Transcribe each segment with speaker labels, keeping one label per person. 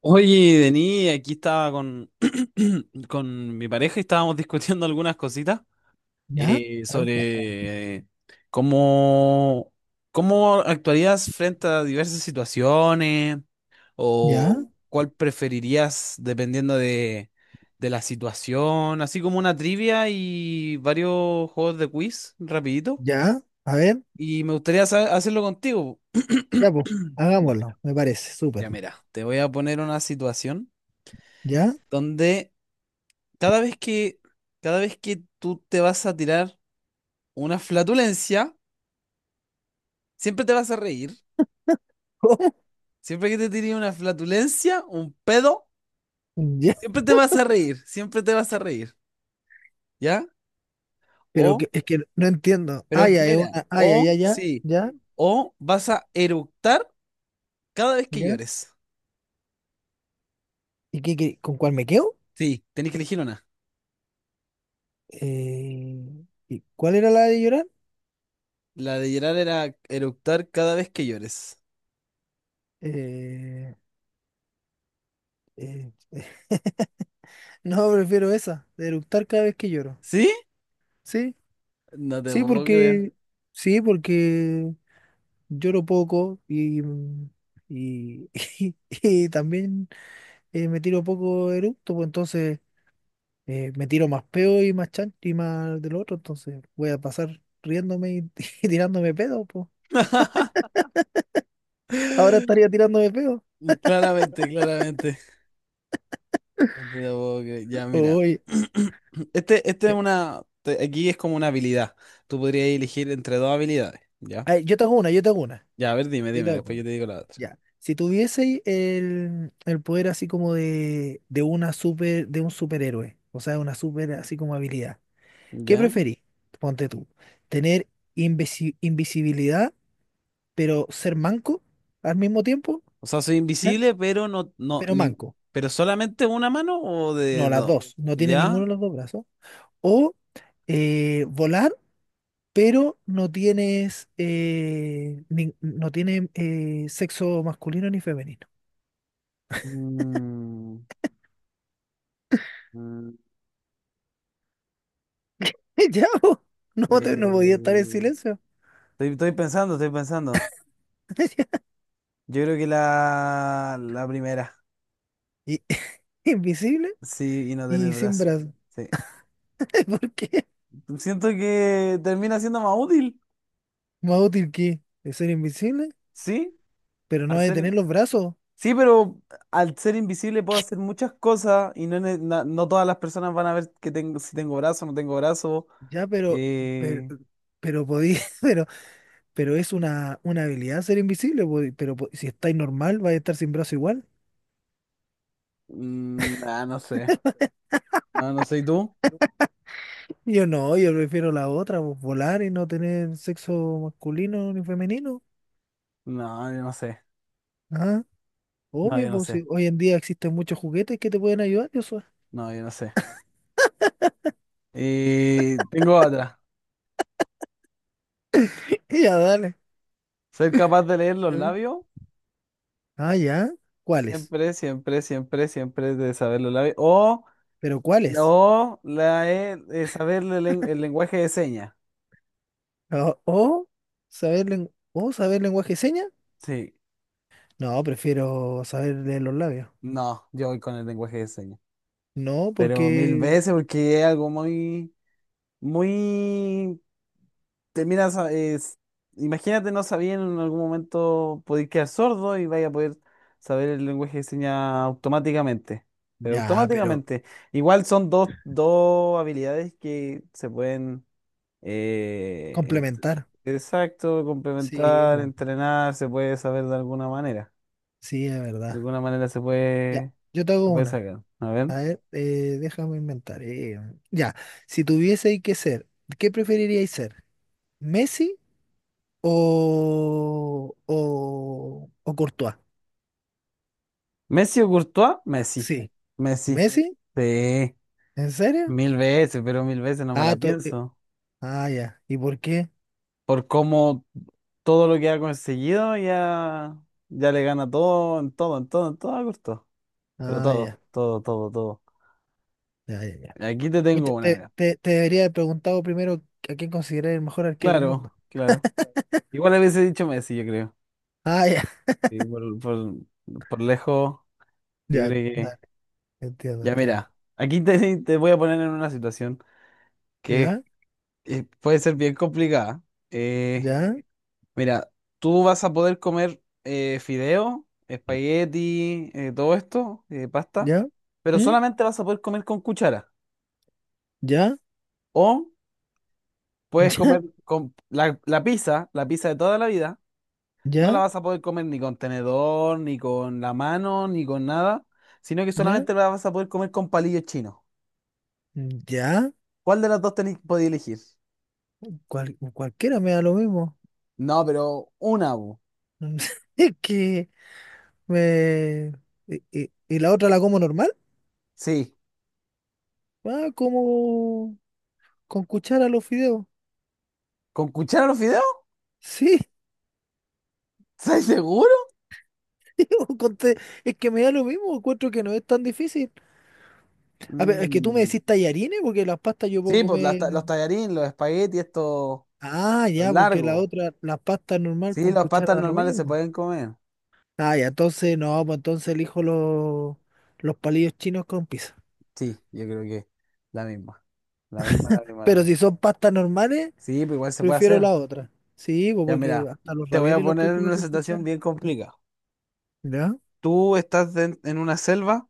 Speaker 1: Oye, Denis, aquí estaba con mi pareja y estábamos discutiendo algunas cositas
Speaker 2: Ya,
Speaker 1: eh,
Speaker 2: a ver, cuéntame.
Speaker 1: sobre eh, cómo, cómo actuarías frente a diversas situaciones o
Speaker 2: Ya,
Speaker 1: cuál preferirías dependiendo de la situación, así como una trivia y varios juegos de quiz rapidito.
Speaker 2: ya, a ver,
Speaker 1: Y me gustaría hacerlo contigo.
Speaker 2: ya, pues,
Speaker 1: Ya mira,
Speaker 2: hagámoslo, me parece, súper.
Speaker 1: ya mira, te voy a poner una situación
Speaker 2: ¿Ya?
Speaker 1: donde cada vez que, cada vez que tú te vas a tirar una flatulencia, siempre te vas a reír. Siempre que te tires una flatulencia, un pedo,
Speaker 2: ¿Cómo? Ya,
Speaker 1: siempre te vas a reír. Siempre te vas a reír. ¿Ya?
Speaker 2: pero
Speaker 1: O,
Speaker 2: que, es que no entiendo.
Speaker 1: pero
Speaker 2: Ah, ya, es
Speaker 1: mira,
Speaker 2: una, ah, ya,
Speaker 1: o
Speaker 2: ya, ya,
Speaker 1: sí,
Speaker 2: ya,
Speaker 1: o vas a eructar cada vez que
Speaker 2: ya.
Speaker 1: llores.
Speaker 2: ¿Y con cuál me quedo?
Speaker 1: Sí, tenés que elegir una.
Speaker 2: ¿Y cuál era la de llorar?
Speaker 1: La de llorar era eructar cada vez que llores.
Speaker 2: Eh, eh, no, prefiero esa, de eructar cada vez que lloro.
Speaker 1: ¿Sí?
Speaker 2: ¿Sí?
Speaker 1: No te
Speaker 2: Sí,
Speaker 1: puedo creer.
Speaker 2: porque, sí, porque lloro poco y, y, también me tiro poco eructo, pues entonces me tiro más peo y más chan y más del otro, entonces voy a pasar riéndome y, y tirándome pedo, pues. Ahora estaría tirándome pedo.
Speaker 1: Claramente, claramente. No te la puedo creer. Ya, mira.
Speaker 2: Oye,
Speaker 1: Este es
Speaker 2: eh,
Speaker 1: una. Aquí es como una habilidad. Tú podrías elegir entre dos habilidades. ¿Ya?
Speaker 2: ay, yo te hago una, yo te hago una,
Speaker 1: Ya, a ver, dime,
Speaker 2: yo te
Speaker 1: dime.
Speaker 2: hago
Speaker 1: Después yo
Speaker 2: una.
Speaker 1: te digo la otra.
Speaker 2: Ya. Si tuviese el poder así como de un superhéroe, o sea, una super así como habilidad, ¿qué
Speaker 1: ¿Ya?
Speaker 2: preferís? Ponte tú, tener invisibilidad, pero ser manco al mismo tiempo,
Speaker 1: O sea, soy
Speaker 2: ¿ya?
Speaker 1: invisible, pero no, no,
Speaker 2: Pero
Speaker 1: ni,
Speaker 2: manco.
Speaker 1: pero solamente una mano o de
Speaker 2: No, las
Speaker 1: dos.
Speaker 2: dos. No tiene ninguno
Speaker 1: ¿Ya?
Speaker 2: de los dos brazos. O volar, pero no tiene sexo masculino ni femenino.
Speaker 1: Mm, mm,
Speaker 2: Ya, po. No,
Speaker 1: eh,
Speaker 2: no podía estar en silencio.
Speaker 1: estoy pensando, estoy pensando. Yo creo que la primera.
Speaker 2: Y- invisible
Speaker 1: Sí, y no tener
Speaker 2: y sin
Speaker 1: brazo.
Speaker 2: brazos.
Speaker 1: Sí.
Speaker 2: ¿Por qué?
Speaker 1: Siento que termina siendo más útil.
Speaker 2: Más útil que es ser invisible,
Speaker 1: ¿Sí?
Speaker 2: pero no
Speaker 1: Al
Speaker 2: hay de
Speaker 1: ser...
Speaker 2: tener los brazos.
Speaker 1: Sí, pero al ser invisible puedo hacer muchas cosas y no todas las personas van a ver que tengo, si tengo brazo, no tengo brazo.
Speaker 2: Ya, pero,
Speaker 1: Eh...
Speaker 2: pero podí- pero, pero es una habilidad ser invisible, po, pero si estáis normal, vais a estar sin brazo igual.
Speaker 1: mm, ah, no sé. No, no sé. ¿Y tú?
Speaker 2: Yo no, yo prefiero la otra, pues, volar y no tener sexo masculino ni femenino.
Speaker 1: No, yo no sé.
Speaker 2: Ah,
Speaker 1: No,
Speaker 2: obvio,
Speaker 1: yo no
Speaker 2: pues
Speaker 1: sé.
Speaker 2: si hoy en día existen muchos juguetes que te pueden ayudar, yo soy.
Speaker 1: No, yo no sé. Tengo otra.
Speaker 2: Ya, dale.
Speaker 1: Ser capaz de leer los
Speaker 2: ¿Eh?
Speaker 1: labios.
Speaker 2: Ah, ya. ¿Cuáles?
Speaker 1: Siempre, siempre, siempre, siempre de saber los labios.
Speaker 2: ¿Pero cuáles?
Speaker 1: O la, saber el, el lenguaje de señas.
Speaker 2: ¿O saber lenguaje de señas?
Speaker 1: Sí.
Speaker 2: No, prefiero saber leer los labios.
Speaker 1: No, yo voy con el lenguaje de señas.
Speaker 2: No,
Speaker 1: Pero mil
Speaker 2: porque...
Speaker 1: veces, porque es algo muy, muy, te miras, imagínate, no sabían en algún momento poder quedar sordo y vaya a poder saber el lenguaje de señas automáticamente. Pero
Speaker 2: Ya, pero
Speaker 1: automáticamente. Igual son dos habilidades que se pueden, eh, ent-
Speaker 2: complementar.
Speaker 1: exacto,
Speaker 2: Sí,
Speaker 1: complementar,
Speaker 2: pues,
Speaker 1: entrenar, se puede saber de alguna manera.
Speaker 2: sí, es
Speaker 1: De
Speaker 2: verdad.
Speaker 1: alguna manera
Speaker 2: Ya, yo te
Speaker 1: se
Speaker 2: hago
Speaker 1: puede
Speaker 2: una.
Speaker 1: sacar. A ver.
Speaker 2: A ver, déjame inventar. Ya, si tuviese que ser, ¿qué preferiríais ser? ¿Messi o Courtois?
Speaker 1: Messi o Courtois, Messi,
Speaker 2: Sí.
Speaker 1: Messi.
Speaker 2: ¿Messi?
Speaker 1: Sí,
Speaker 2: ¿En serio?
Speaker 1: mil veces, pero mil veces no me
Speaker 2: Ah,
Speaker 1: la pienso.
Speaker 2: ah, ya. ¿Y por qué?
Speaker 1: Por cómo todo lo que ha conseguido ya, ya le gana todo, en todo, en todo, en todo a Courtois. Pero
Speaker 2: Ah,
Speaker 1: todo,
Speaker 2: ya,
Speaker 1: todo, todo, todo.
Speaker 2: ya, ya, ya.
Speaker 1: Aquí te
Speaker 2: Pucha,
Speaker 1: tengo una,
Speaker 2: te,
Speaker 1: mira.
Speaker 2: te- te debería haber preguntado primero a quién considerar el mejor arquero del
Speaker 1: Claro,
Speaker 2: mundo.
Speaker 1: claro. Igual a dicho Messi, yo creo.
Speaker 2: Ah, ya,
Speaker 1: Sí, por lejos, yo creo
Speaker 2: ya, dale,
Speaker 1: que...
Speaker 2: entiendo,
Speaker 1: Ya
Speaker 2: entiendo.
Speaker 1: mira, aquí te voy a poner en una situación que
Speaker 2: ¿Ya?
Speaker 1: puede ser bien complicada. Eh,
Speaker 2: ¿Ya?
Speaker 1: Mira, tú vas a poder comer fideo, espagueti, todo esto, pasta,
Speaker 2: ¿Ya?
Speaker 1: pero
Speaker 2: ¿Mm?
Speaker 1: solamente vas a poder comer con cuchara.
Speaker 2: ¿Ya?
Speaker 1: O puedes comer con la pizza de toda la vida, no la
Speaker 2: ¿Ya? ¿Ya?
Speaker 1: vas a poder comer ni con tenedor, ni con la mano, ni con nada, sino que
Speaker 2: ¿Ya?
Speaker 1: solamente la vas a poder comer con palillos chinos.
Speaker 2: ¿Ya?
Speaker 1: ¿Cuál de las dos tenéis podéis elegir?
Speaker 2: Cualquiera me da lo mismo.
Speaker 1: No, pero una, bu.
Speaker 2: Es que me... Y la otra la como normal?
Speaker 1: Sí.
Speaker 2: Ah, como con cuchara los fideos.
Speaker 1: ¿Con cuchara los fideos?
Speaker 2: Sí,
Speaker 1: ¿Estás seguro?
Speaker 2: sí, es que me da lo mismo, encuentro que no es tan difícil. A ver, es que tú me
Speaker 1: Mm.
Speaker 2: decís tallarines porque las pastas yo puedo
Speaker 1: Sí, pues las
Speaker 2: comer...
Speaker 1: los tallarines, los espaguetis, estos,
Speaker 2: Ah,
Speaker 1: los
Speaker 2: ya, porque la
Speaker 1: largos.
Speaker 2: otra, las pastas normal
Speaker 1: Sí,
Speaker 2: con
Speaker 1: las pastas
Speaker 2: cuchara da lo
Speaker 1: normales se
Speaker 2: mismo.
Speaker 1: pueden comer.
Speaker 2: Ah, ya, entonces no, pues entonces elijo los palillos chinos con pizza.
Speaker 1: Sí, yo creo que la misma. La misma, la misma, la
Speaker 2: Pero
Speaker 1: misma.
Speaker 2: si son pastas normales...
Speaker 1: Sí, pues igual se puede
Speaker 2: Prefiero
Speaker 1: hacer.
Speaker 2: la otra. Sí, pues
Speaker 1: Ya
Speaker 2: porque
Speaker 1: mira,
Speaker 2: hasta los
Speaker 1: te voy a
Speaker 2: raviolis los
Speaker 1: poner
Speaker 2: puedes
Speaker 1: en
Speaker 2: comer
Speaker 1: una
Speaker 2: con
Speaker 1: situación
Speaker 2: cuchara.
Speaker 1: bien complicada.
Speaker 2: ¿Ya?
Speaker 1: Tú estás en una selva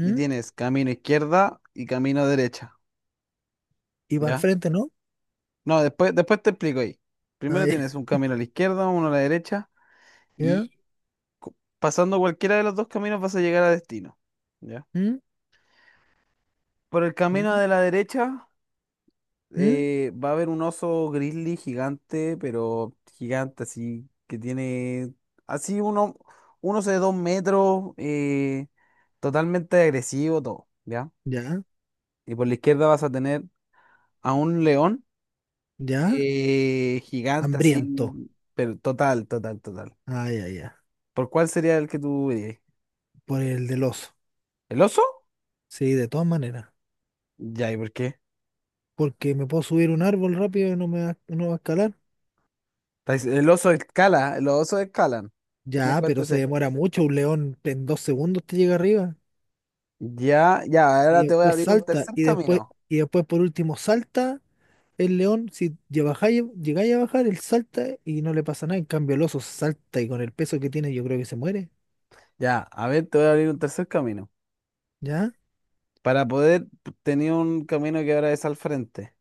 Speaker 1: y tienes camino izquierda y camino derecha,
Speaker 2: Y para el
Speaker 1: ¿ya?
Speaker 2: frente, ¿no?
Speaker 1: No, después, después te explico ahí.
Speaker 2: Ah,
Speaker 1: Primero tienes un camino a la izquierda, uno a la derecha
Speaker 2: ya. ¿Ya?
Speaker 1: y cu- pasando cualquiera de los dos caminos vas a llegar a destino. ¿Ya?
Speaker 2: ¿Mm?
Speaker 1: Por el
Speaker 2: ¿Ya?
Speaker 1: camino de la derecha
Speaker 2: ¿Mm?
Speaker 1: va a haber un oso grizzly gigante, pero gigante, así que tiene así uno, un oso de dos metros, totalmente agresivo, todo, ¿ya?
Speaker 2: ¿Ya?
Speaker 1: Y por la izquierda vas a tener a un león
Speaker 2: ¿Ya?
Speaker 1: gigante,
Speaker 2: Hambriento.
Speaker 1: así, pero total, total, total.
Speaker 2: Ah, ya, ya.
Speaker 1: ¿Por cuál sería el que tú dirías?
Speaker 2: Por el del oso.
Speaker 1: ¿El oso?
Speaker 2: Sí, de todas maneras.
Speaker 1: Ya, ¿y por qué?
Speaker 2: Porque me puedo subir un árbol rápido y no me va, no va a escalar.
Speaker 1: El oso escala, los osos escalan. Ten en
Speaker 2: Ya,
Speaker 1: cuenta
Speaker 2: pero se
Speaker 1: ese.
Speaker 2: demora mucho. Un león en 2 segundos te llega arriba.
Speaker 1: Ya, ya, ahora
Speaker 2: Y
Speaker 1: te voy a
Speaker 2: después
Speaker 1: abrir un
Speaker 2: salta.
Speaker 1: tercer camino.
Speaker 2: Y después por último salta. El león, si ya llegáis a bajar, él salta y no le pasa nada. En cambio, el oso salta y con el peso que tiene, yo creo que se muere.
Speaker 1: Ya, a ver, te voy a abrir un tercer camino.
Speaker 2: ¿Ya?
Speaker 1: Para poder tener un camino que ahora es al frente.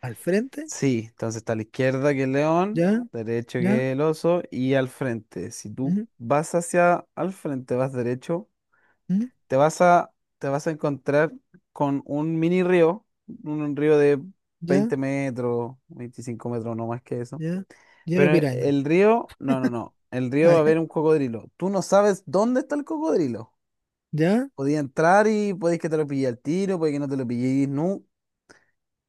Speaker 2: Al frente.
Speaker 1: Sí, entonces está a la izquierda que el león,
Speaker 2: ¿Ya?
Speaker 1: derecho
Speaker 2: ¿Ya?
Speaker 1: que el oso y al frente. Si tú
Speaker 2: ¿Mm?
Speaker 1: vas hacia al frente, vas derecho,
Speaker 2: ¿Mm?
Speaker 1: te vas a, te vas a encontrar con un mini río, un río de
Speaker 2: ¿Ya?
Speaker 1: 20 metros, 25 metros, no más que eso.
Speaker 2: ¿Ya? Y una
Speaker 1: Pero
Speaker 2: piraña.
Speaker 1: el río, no. El río
Speaker 2: Ah,
Speaker 1: va a
Speaker 2: ¿ya?
Speaker 1: haber un cocodrilo. Tú no sabes dónde está el cocodrilo.
Speaker 2: ¿Ya?
Speaker 1: Podía entrar y podéis que te lo pille al tiro, puede que no te lo pilléis nunca.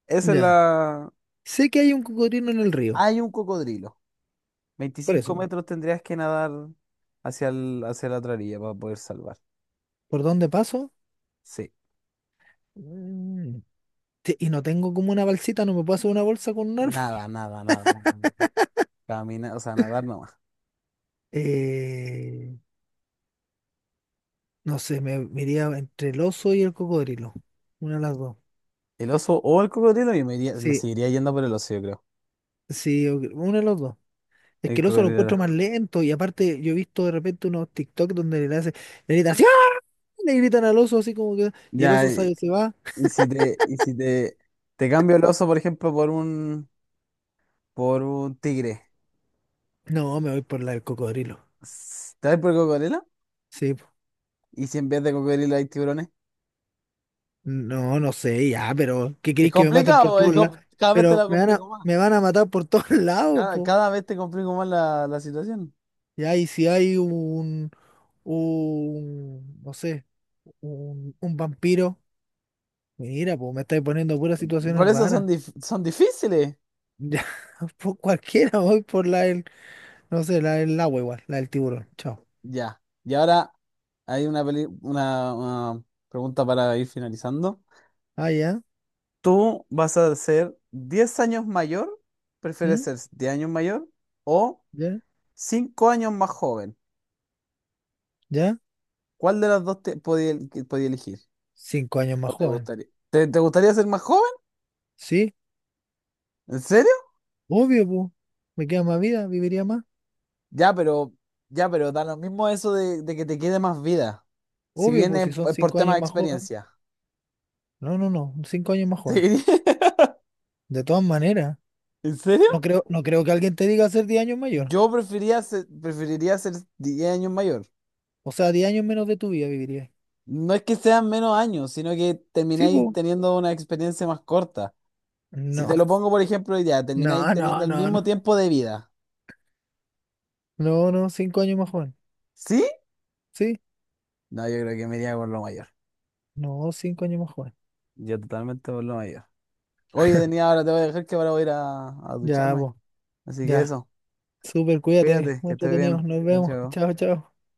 Speaker 1: Esa es
Speaker 2: ¿Ya?
Speaker 1: la...
Speaker 2: Sé que hay un cocodrilo en el río.
Speaker 1: Hay un cocodrilo.
Speaker 2: Por
Speaker 1: Veinticinco
Speaker 2: eso.
Speaker 1: metros tendrías que nadar hacia, hacia la otra orilla para poder salvar.
Speaker 2: ¿Por dónde paso?
Speaker 1: Sí.
Speaker 2: Mm, y no tengo como una balsita, no me puedo hacer una bolsa con un árbol.
Speaker 1: Nada, nada, nada, nada. Caminar, o sea, nadar nomás.
Speaker 2: Eh, no sé, me iría entre el oso y el cocodrilo. Una de las dos.
Speaker 1: El oso o el cocodrilo, yo me
Speaker 2: Sí,
Speaker 1: seguiría yendo por el oso, yo creo.
Speaker 2: sí, ok, una de las dos. Es
Speaker 1: El
Speaker 2: que el oso lo encuentro
Speaker 1: cocodrilo.
Speaker 2: más lento y aparte yo he visto de repente unos TikTok donde le hacen, le gritan, ¡sí! ¡Ah! Le gritan al oso así como que, y el
Speaker 1: Ya,
Speaker 2: oso sale, se va.
Speaker 1: y si te, te cambio el oso, por ejemplo, por un tigre.
Speaker 2: No, me voy por la del cocodrilo.
Speaker 1: ¿Te vas por cocodrilo?
Speaker 2: Sí, po.
Speaker 1: ¿Y si en vez de cocodrilo hay tiburones?
Speaker 2: No, no sé, ya, pero ¿qué
Speaker 1: Es
Speaker 2: queréis que me maten por
Speaker 1: complicado,
Speaker 2: todos lados?
Speaker 1: cada vez te
Speaker 2: Pero
Speaker 1: la
Speaker 2: me van a,
Speaker 1: complico más.
Speaker 2: me van a matar por todos lados,
Speaker 1: Cada,
Speaker 2: po.
Speaker 1: cada vez te complico más la situación.
Speaker 2: Ya, y si hay no sé, un vampiro, mira, pues me estáis poniendo puras
Speaker 1: Por
Speaker 2: situaciones
Speaker 1: eso son,
Speaker 2: raras.
Speaker 1: son difíciles.
Speaker 2: Ya, por cualquiera voy por la del. No sé, la del agua igual, la del tiburón. Chao.
Speaker 1: Ya. Y ahora hay una, una pregunta para ir finalizando.
Speaker 2: Ah, ya.
Speaker 1: ¿Tú vas a ser 10 años mayor? ¿Prefieres
Speaker 2: ¿Mm?
Speaker 1: ser 10 años mayor o
Speaker 2: ¿Ya?
Speaker 1: 5 años más joven?
Speaker 2: ¿Ya?
Speaker 1: ¿Cuál de las dos te podía, podía elegir?
Speaker 2: 5 años
Speaker 1: ¿O
Speaker 2: más
Speaker 1: te
Speaker 2: joven.
Speaker 1: gustaría? ¿Te gustaría ser más joven?
Speaker 2: Sí,
Speaker 1: ¿En serio?
Speaker 2: obvio, pues. Me queda más vida, viviría más.
Speaker 1: Ya, pero, ya, pero da lo mismo eso de que te quede más vida. Si
Speaker 2: Obvio, pues,
Speaker 1: viene
Speaker 2: si son
Speaker 1: por
Speaker 2: cinco
Speaker 1: tema
Speaker 2: años
Speaker 1: de
Speaker 2: más joven.
Speaker 1: experiencia.
Speaker 2: No, no, no, 5 años más joven.
Speaker 1: Sí.
Speaker 2: De todas maneras,
Speaker 1: ¿En serio?
Speaker 2: no creo que alguien te diga ser 10 años mayor.
Speaker 1: Yo preferiría ser 10 años mayor.
Speaker 2: O sea, 10 años menos de tu vida viviría.
Speaker 1: No es que sean menos años, sino que
Speaker 2: Sí,
Speaker 1: termináis
Speaker 2: pues.
Speaker 1: teniendo una experiencia más corta. Si
Speaker 2: No,
Speaker 1: te lo pongo, por ejemplo, ya, termináis
Speaker 2: no, no,
Speaker 1: teniendo el
Speaker 2: no, no.
Speaker 1: mismo tiempo de vida.
Speaker 2: No, no, cinco años más joven.
Speaker 1: ¿Sí?
Speaker 2: Sí,
Speaker 1: No, yo creo que me iría por lo mayor.
Speaker 2: no, 5 años más joven.
Speaker 1: Yo totalmente por lo mayor. Oye, tenía ahora, te voy a dejar que ahora voy a ir a
Speaker 2: Ya,
Speaker 1: ducharme.
Speaker 2: pues,
Speaker 1: Así que
Speaker 2: ya.
Speaker 1: eso.
Speaker 2: Súper, cuídate,
Speaker 1: Cuídate,
Speaker 2: muy
Speaker 1: que estés
Speaker 2: entretenido.
Speaker 1: bien.
Speaker 2: Nos
Speaker 1: Chao,
Speaker 2: vemos.
Speaker 1: chao.
Speaker 2: Chao, chao.